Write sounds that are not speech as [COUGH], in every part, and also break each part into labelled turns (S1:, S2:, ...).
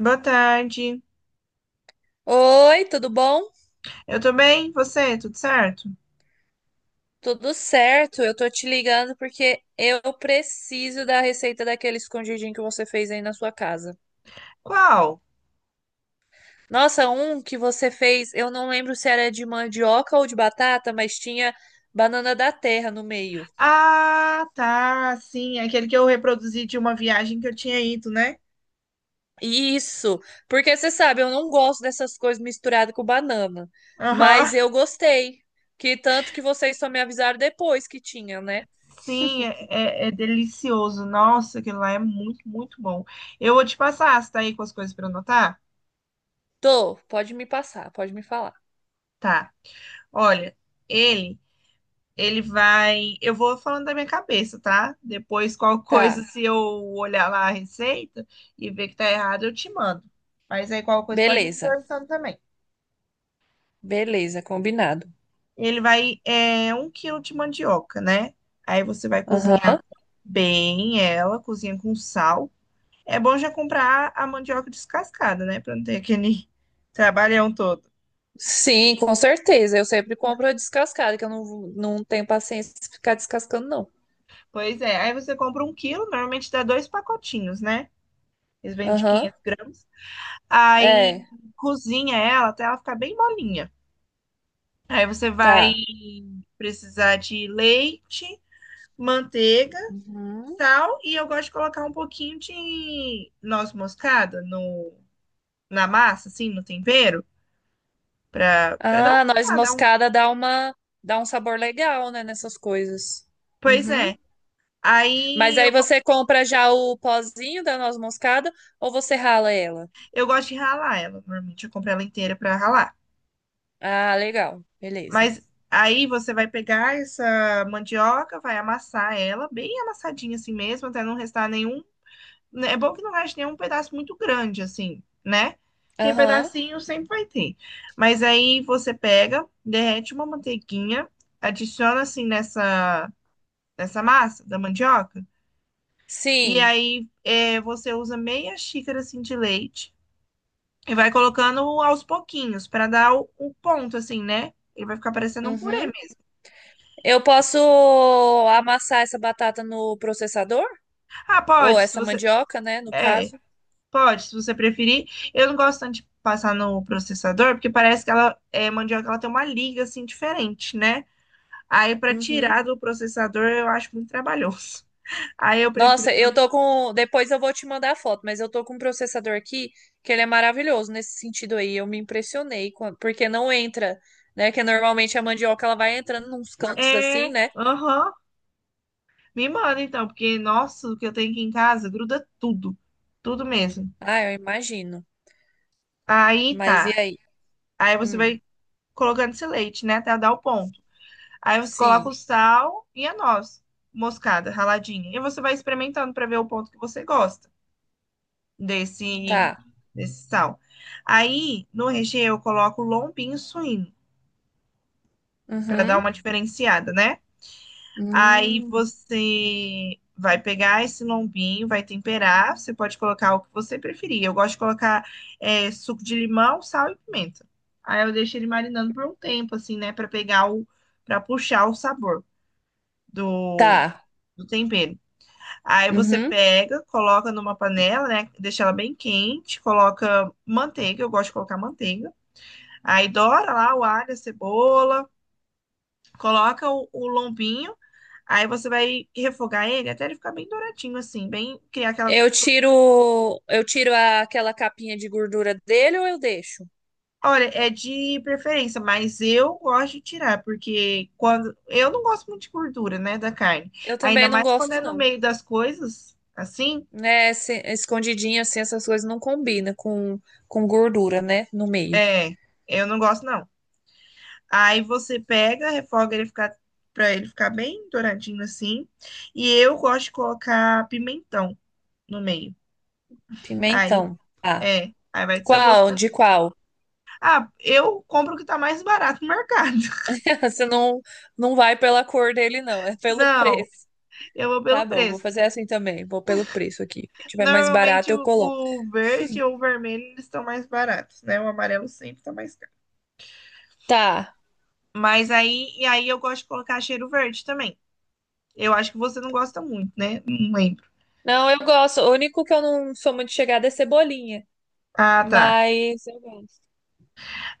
S1: Boa tarde.
S2: Oi, tudo bom?
S1: Eu tô bem? Você? Tudo certo?
S2: Tudo certo. Eu tô te ligando porque eu preciso da receita daquele escondidinho que você fez aí na sua casa.
S1: Qual?
S2: Nossa, um que você fez, eu não lembro se era de mandioca ou de batata, mas tinha banana da terra no meio.
S1: Ah, tá. Sim, aquele que eu reproduzi de uma viagem que eu tinha ido, né?
S2: Isso, porque você sabe, eu não gosto dessas coisas misturadas com banana,
S1: Aham.
S2: mas eu gostei. Que tanto que vocês só me avisaram depois que tinha, né?
S1: Sim, é delicioso. Nossa, aquilo lá é muito, muito bom. Eu vou te passar. Você tá aí com as coisas pra anotar?
S2: Tô, pode me passar, pode me falar.
S1: Tá. Olha, ele, ele vai. Eu vou falando da minha cabeça, tá? Depois, qual coisa,
S2: Tá,
S1: se eu olhar lá a receita e ver que tá errado, eu te mando. Mas aí, qual coisa pode ir me
S2: beleza.
S1: interessando também.
S2: Beleza, combinado.
S1: Ele vai, é, um quilo de mandioca, né? Aí você vai cozinhar
S2: Aham.
S1: bem ela, cozinha com sal. É bom já comprar a mandioca descascada, né? Pra não ter aquele [LAUGHS] trabalhão todo.
S2: Sim, com certeza. Eu sempre compro a descascada, que eu não, não tenho paciência de ficar descascando, não.
S1: Pois é, aí você compra um quilo, normalmente dá dois pacotinhos, né? Eles vendem de
S2: Aham.
S1: 500 gramas. Aí
S2: É,
S1: cozinha ela até ela ficar bem molinha. Aí você vai
S2: tá.
S1: precisar de leite, manteiga,
S2: Uhum.
S1: sal, e eu gosto de colocar um pouquinho de noz moscada na massa, assim, no tempero, pra dar um,
S2: Ah, noz
S1: ah, dar um.
S2: moscada dá dá um sabor legal, né, nessas coisas.
S1: Pois
S2: Uhum.
S1: é.
S2: Mas
S1: Aí
S2: aí você compra já o pozinho da noz moscada ou você rala ela?
S1: eu gosto de ralar ela. Normalmente eu compro ela inteira pra ralar.
S2: Ah, legal. Beleza.
S1: Mas aí você vai pegar essa mandioca, vai amassar ela, bem amassadinha assim mesmo, até não restar nenhum, né, é bom que não reste nenhum pedaço muito grande, assim, né? Porque
S2: Aham.
S1: pedacinho sempre vai ter. Mas aí você pega, derrete uma manteiguinha, adiciona assim nessa massa da mandioca. E
S2: Sim.
S1: aí é, você usa meia xícara assim de leite e vai colocando aos pouquinhos para dar o ponto, assim, né? Ele vai ficar parecendo um purê
S2: Uhum.
S1: mesmo.
S2: Eu posso amassar essa batata no processador?
S1: Ah,
S2: Ou
S1: pode, se
S2: essa
S1: você.
S2: mandioca, né, no
S1: É,
S2: caso?
S1: pode, se você preferir. Eu não gosto tanto de passar no processador, porque parece que ela é mandioca, ela tem uma liga assim diferente, né? Aí para
S2: Uhum.
S1: tirar do processador eu acho muito trabalhoso. [LAUGHS] Aí eu prefiro.
S2: Nossa, eu
S1: [LAUGHS]
S2: tô com. Depois eu vou te mandar a foto, mas eu tô com um processador aqui que ele é maravilhoso nesse sentido aí. Eu me impressionei, porque não entra, né? Que normalmente a mandioca ela vai entrando nos cantos
S1: É,
S2: assim, né?
S1: aham. Me manda então, porque nossa, o que eu tenho aqui em casa gruda tudo, tudo mesmo.
S2: Ah, eu imagino.
S1: Aí
S2: Mas e
S1: tá.
S2: aí?
S1: Aí você
S2: Hum,
S1: vai colocando esse leite, né, até dar o ponto. Aí você coloca
S2: sim,
S1: o sal e a noz moscada raladinha. E você vai experimentando para ver o ponto que você gosta. desse,
S2: tá.
S1: Desse sal. Aí, no recheio, eu coloco lombinho suíno, para dar
S2: Uhum.
S1: uma diferenciada, né? Aí
S2: Hum,
S1: você vai pegar esse lombinho, vai temperar, você pode colocar o que você preferir. Eu gosto de colocar é, suco de limão, sal e pimenta. Aí eu deixo ele marinando por um tempo, assim, né? Para pegar para puxar o sabor do,
S2: tá.
S1: do tempero. Aí você
S2: Uhum.
S1: pega, coloca numa panela, né? Deixa ela bem quente, coloca manteiga, eu gosto de colocar manteiga. Aí doura lá o alho, a cebola, coloca o lombinho, aí você vai refogar ele até ele ficar bem douradinho, assim, bem criar aquela.
S2: Eu tiro aquela capinha de gordura dele ou eu deixo?
S1: Olha, é de preferência, mas eu gosto de tirar, porque quando. Eu não gosto muito de gordura, né, da carne.
S2: Eu
S1: Ainda
S2: também não
S1: mais quando é
S2: gosto,
S1: no
S2: não.
S1: meio das coisas, assim,
S2: Né, escondidinho assim, essas coisas não combinam com gordura, né, no meio.
S1: é, eu não gosto, não. Aí você pega, refoga ele ficar para ele ficar bem douradinho assim. E eu gosto de colocar pimentão no meio. Aí
S2: Pimentão. Ah,
S1: é, aí vai do seu gosto
S2: qual?
S1: também.
S2: De qual?
S1: Ah, eu compro o que tá mais barato no mercado. [LAUGHS]
S2: [LAUGHS] Você não, não vai pela cor dele, não, é pelo
S1: Não,
S2: preço.
S1: eu vou
S2: Tá
S1: pelo
S2: bom, vou
S1: preço.
S2: fazer assim também. Vou pelo preço aqui. O que tiver mais barato,
S1: Normalmente
S2: eu coloco.
S1: o verde ou o vermelho eles estão mais baratos, né? O amarelo sempre tá mais caro.
S2: Tá.
S1: Mas aí, e aí eu gosto de colocar cheiro verde também. Eu acho que você não gosta muito, né? Não lembro.
S2: Não, eu gosto. O único que eu não sou muito chegada é cebolinha.
S1: Ah, tá.
S2: Mas eu gosto.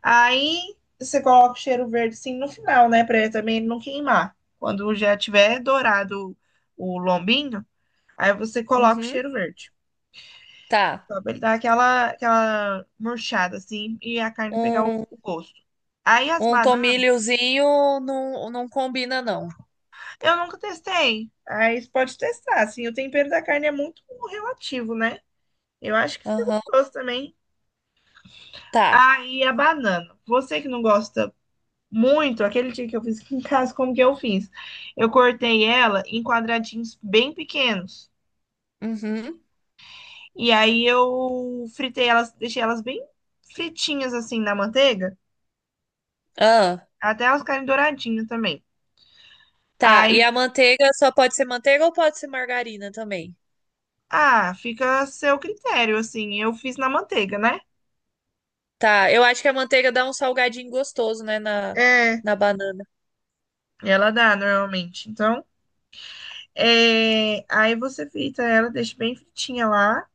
S1: Aí você coloca o cheiro verde assim no final, né? Pra ele também não queimar. Quando já tiver dourado o lombinho, aí você coloca o
S2: Uhum.
S1: cheiro verde.
S2: Tá.
S1: Só pra ele dar aquela, aquela murchada assim e a carne pegar
S2: Um,
S1: o gosto. Aí as
S2: um
S1: bananas,
S2: tomilhozinho não, não combina, não.
S1: eu nunca testei. Aí você pode testar, assim. O tempero da carne é muito relativo, né? Eu acho que fica
S2: Aham.
S1: gostoso também.
S2: Tá.
S1: Aí a banana. Você que não gosta muito, aquele dia que eu fiz aqui em casa, como que eu fiz? Eu cortei ela em quadradinhos bem pequenos.
S2: Uhum.
S1: E aí eu fritei elas, deixei elas bem fritinhas assim na manteiga,
S2: Ah.
S1: até elas ficarem douradinhas também.
S2: Tá, e
S1: Aí,
S2: a manteiga só pode ser manteiga ou pode ser margarina também?
S1: ah, fica a seu critério, assim. Eu fiz na manteiga, né?
S2: Tá, eu acho que a manteiga dá um salgadinho gostoso, né, na,
S1: É,
S2: na banana.
S1: ela dá normalmente. Então, é, aí você frita ela, deixa bem fritinha lá.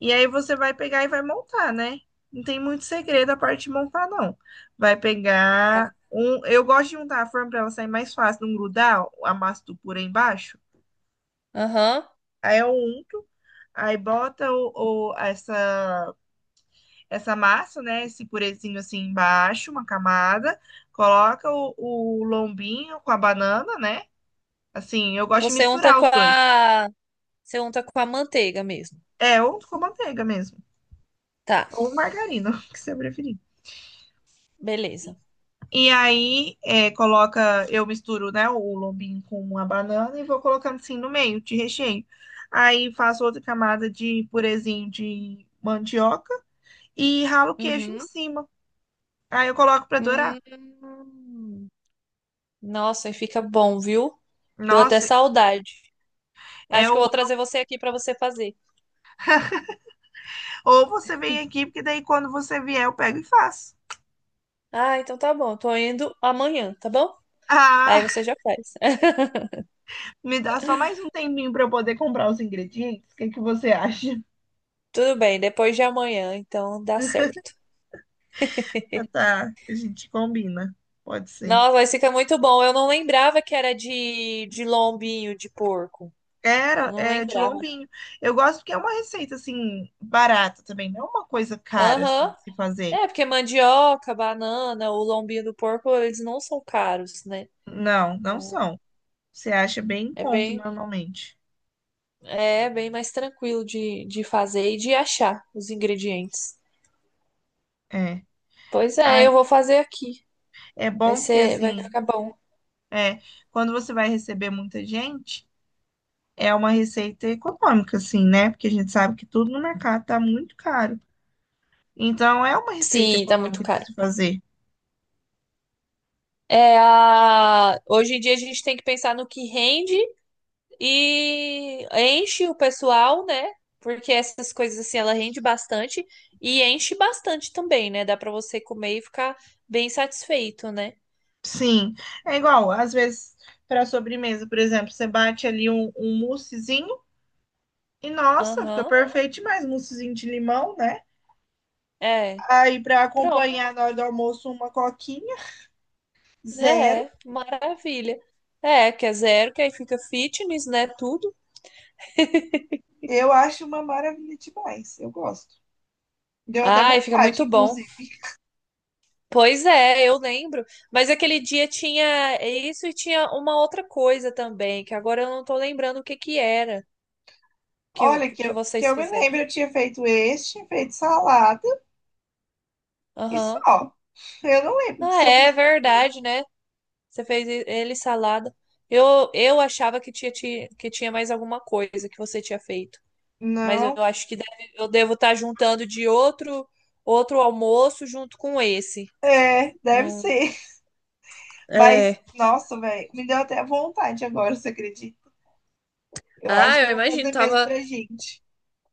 S1: E aí você vai pegar e vai montar, né? Não tem muito segredo a parte de montar, não. Vai
S2: Tá.
S1: pegar um. Eu gosto de untar a forma para ela sair mais fácil, não grudar a massa do purê embaixo.
S2: Aham.
S1: Aí eu unto, aí bota essa massa, né? Esse purezinho assim embaixo, uma camada. Coloca o lombinho com a banana, né? Assim, eu gosto de
S2: Você unta
S1: misturar
S2: com
S1: os dois.
S2: a, você unta com a manteiga mesmo.
S1: É, ou com manteiga mesmo.
S2: Tá,
S1: Ou margarina, [LAUGHS] o que você preferir.
S2: beleza.
S1: E aí, é, coloca, eu misturo, né, o lombinho com uma banana e vou colocando assim no meio de recheio. Aí faço outra camada de purezinho de mandioca e ralo o queijo em
S2: Uhum.
S1: cima. Aí eu coloco para dourar.
S2: Hum. Nossa, e fica bom, viu? Deu até
S1: Nossa,
S2: saudade.
S1: é
S2: Acho que eu
S1: o...
S2: vou trazer você aqui pra você fazer.
S1: ou você vem aqui, porque daí quando você vier eu pego e faço. [LAUGHS]
S2: Ah, então tá bom. Tô indo amanhã, tá bom? Aí
S1: Ah,
S2: você já faz. [LAUGHS]
S1: me dá só mais um tempinho para eu poder comprar os ingredientes. O que que você acha?
S2: Tudo bem, depois de amanhã, então dá certo.
S1: Ah,
S2: [LAUGHS]
S1: tá, a gente combina. Pode ser.
S2: Nossa, mas fica muito bom. Eu não lembrava que era de lombinho de porco.
S1: Era,
S2: Eu não
S1: é de
S2: lembrava.
S1: lombinho. Eu gosto porque é uma receita, assim, barata também. Não é uma coisa cara, assim,
S2: Aham.
S1: de se fazer.
S2: É, porque mandioca, banana, o lombinho do porco, eles não são caros, né?
S1: Não, não
S2: Então,
S1: são. Você acha bem em
S2: é
S1: conta,
S2: bem,
S1: normalmente.
S2: é bem mais tranquilo de fazer e de achar os ingredientes.
S1: É.
S2: Pois é, eu
S1: Ai,
S2: vou fazer aqui.
S1: é
S2: Vai
S1: bom porque,
S2: ser, vai
S1: assim,
S2: ficar bom.
S1: é, quando você vai receber muita gente, é uma receita econômica, assim, né? Porque a gente sabe que tudo no mercado tá muito caro. Então, é uma receita
S2: Sim, tá muito
S1: econômica de
S2: caro.
S1: se fazer.
S2: É a... Hoje em dia a gente tem que pensar no que rende e enche o pessoal, né? Porque essas coisas assim, ela rende bastante e enche bastante também, né? Dá pra você comer e ficar bem satisfeito, né?
S1: Sim. É igual, às vezes, para sobremesa, por exemplo, você bate ali um moussezinho. E nossa, fica
S2: Aham.
S1: perfeito mais moussezinho de limão, né?
S2: É.
S1: Aí pra
S2: Pronto.
S1: acompanhar na hora do almoço uma coquinha, zero.
S2: É, é, maravilha. É, que é zero, que aí fica fitness, né? Tudo.
S1: Eu acho uma maravilha demais. Eu gosto. Deu até
S2: Ai, fica
S1: vontade,
S2: muito bom.
S1: inclusive.
S2: Pois é, eu lembro. Mas aquele dia tinha isso e tinha uma outra coisa também, que agora eu não tô lembrando o que que era que,
S1: Olha, que
S2: que
S1: eu, que
S2: vocês
S1: eu me
S2: fizeram.
S1: lembro, eu tinha feito este, tinha feito salada e
S2: Aham.
S1: só. Eu não lembro
S2: Ah,
S1: se eu
S2: é
S1: fiz mais coisa.
S2: verdade, né? Você fez ele salada. Eu achava que que tinha mais alguma coisa que você tinha feito. Mas eu
S1: Não,
S2: acho que eu devo estar juntando de outro outro almoço junto com esse.
S1: é, deve
S2: Não,
S1: ser. [LAUGHS] Mas,
S2: é.
S1: nossa, velho, me deu até vontade agora, você acredita? Eu acho
S2: Ah,
S1: que
S2: eu
S1: eu vou
S2: imagino,
S1: fazer mesmo pra gente.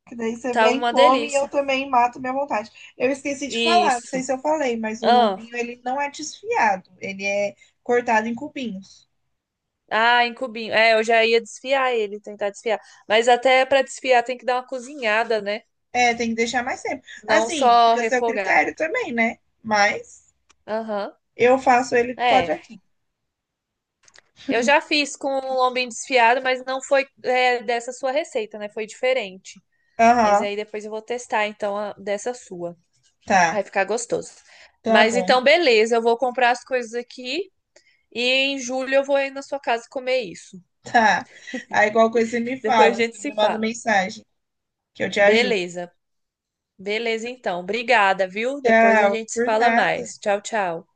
S1: Que daí você
S2: tava
S1: vem,
S2: uma
S1: come e eu
S2: delícia.
S1: também mato minha vontade. Eu esqueci de falar, não sei
S2: Isso.
S1: se eu falei, mas o
S2: Ah,
S1: lombinho ele não é desfiado, ele é cortado em cubinhos.
S2: ah, em cubinho. É, eu já ia desfiar ele, tentar desfiar. Mas até para desfiar tem que dar uma cozinhada, né?
S1: É, tem que deixar mais tempo.
S2: Não
S1: Assim,
S2: só
S1: fica a seu
S2: refogar.
S1: critério também, né? Mas
S2: Aham.
S1: eu faço ele
S2: É.
S1: quadradinho.
S2: Eu já fiz com o lombinho desfiado, mas não foi é, dessa sua receita, né? Foi diferente. Mas
S1: Aham,
S2: aí depois eu vou testar, então, dessa sua. Vai
S1: tá,
S2: ficar gostoso.
S1: tá
S2: Mas
S1: bom,
S2: então, beleza, eu vou comprar as coisas aqui e em julho eu vou aí na sua casa comer isso.
S1: [LAUGHS] tá. Aí qualquer coisa você me
S2: [LAUGHS] Depois
S1: fala,
S2: a gente
S1: você
S2: se
S1: me manda
S2: fala.
S1: mensagem, que eu te ajudo.
S2: Beleza, beleza então. Obrigada, viu? Depois a
S1: Tchau,
S2: gente se
S1: por
S2: fala
S1: nada.
S2: mais. Tchau, tchau.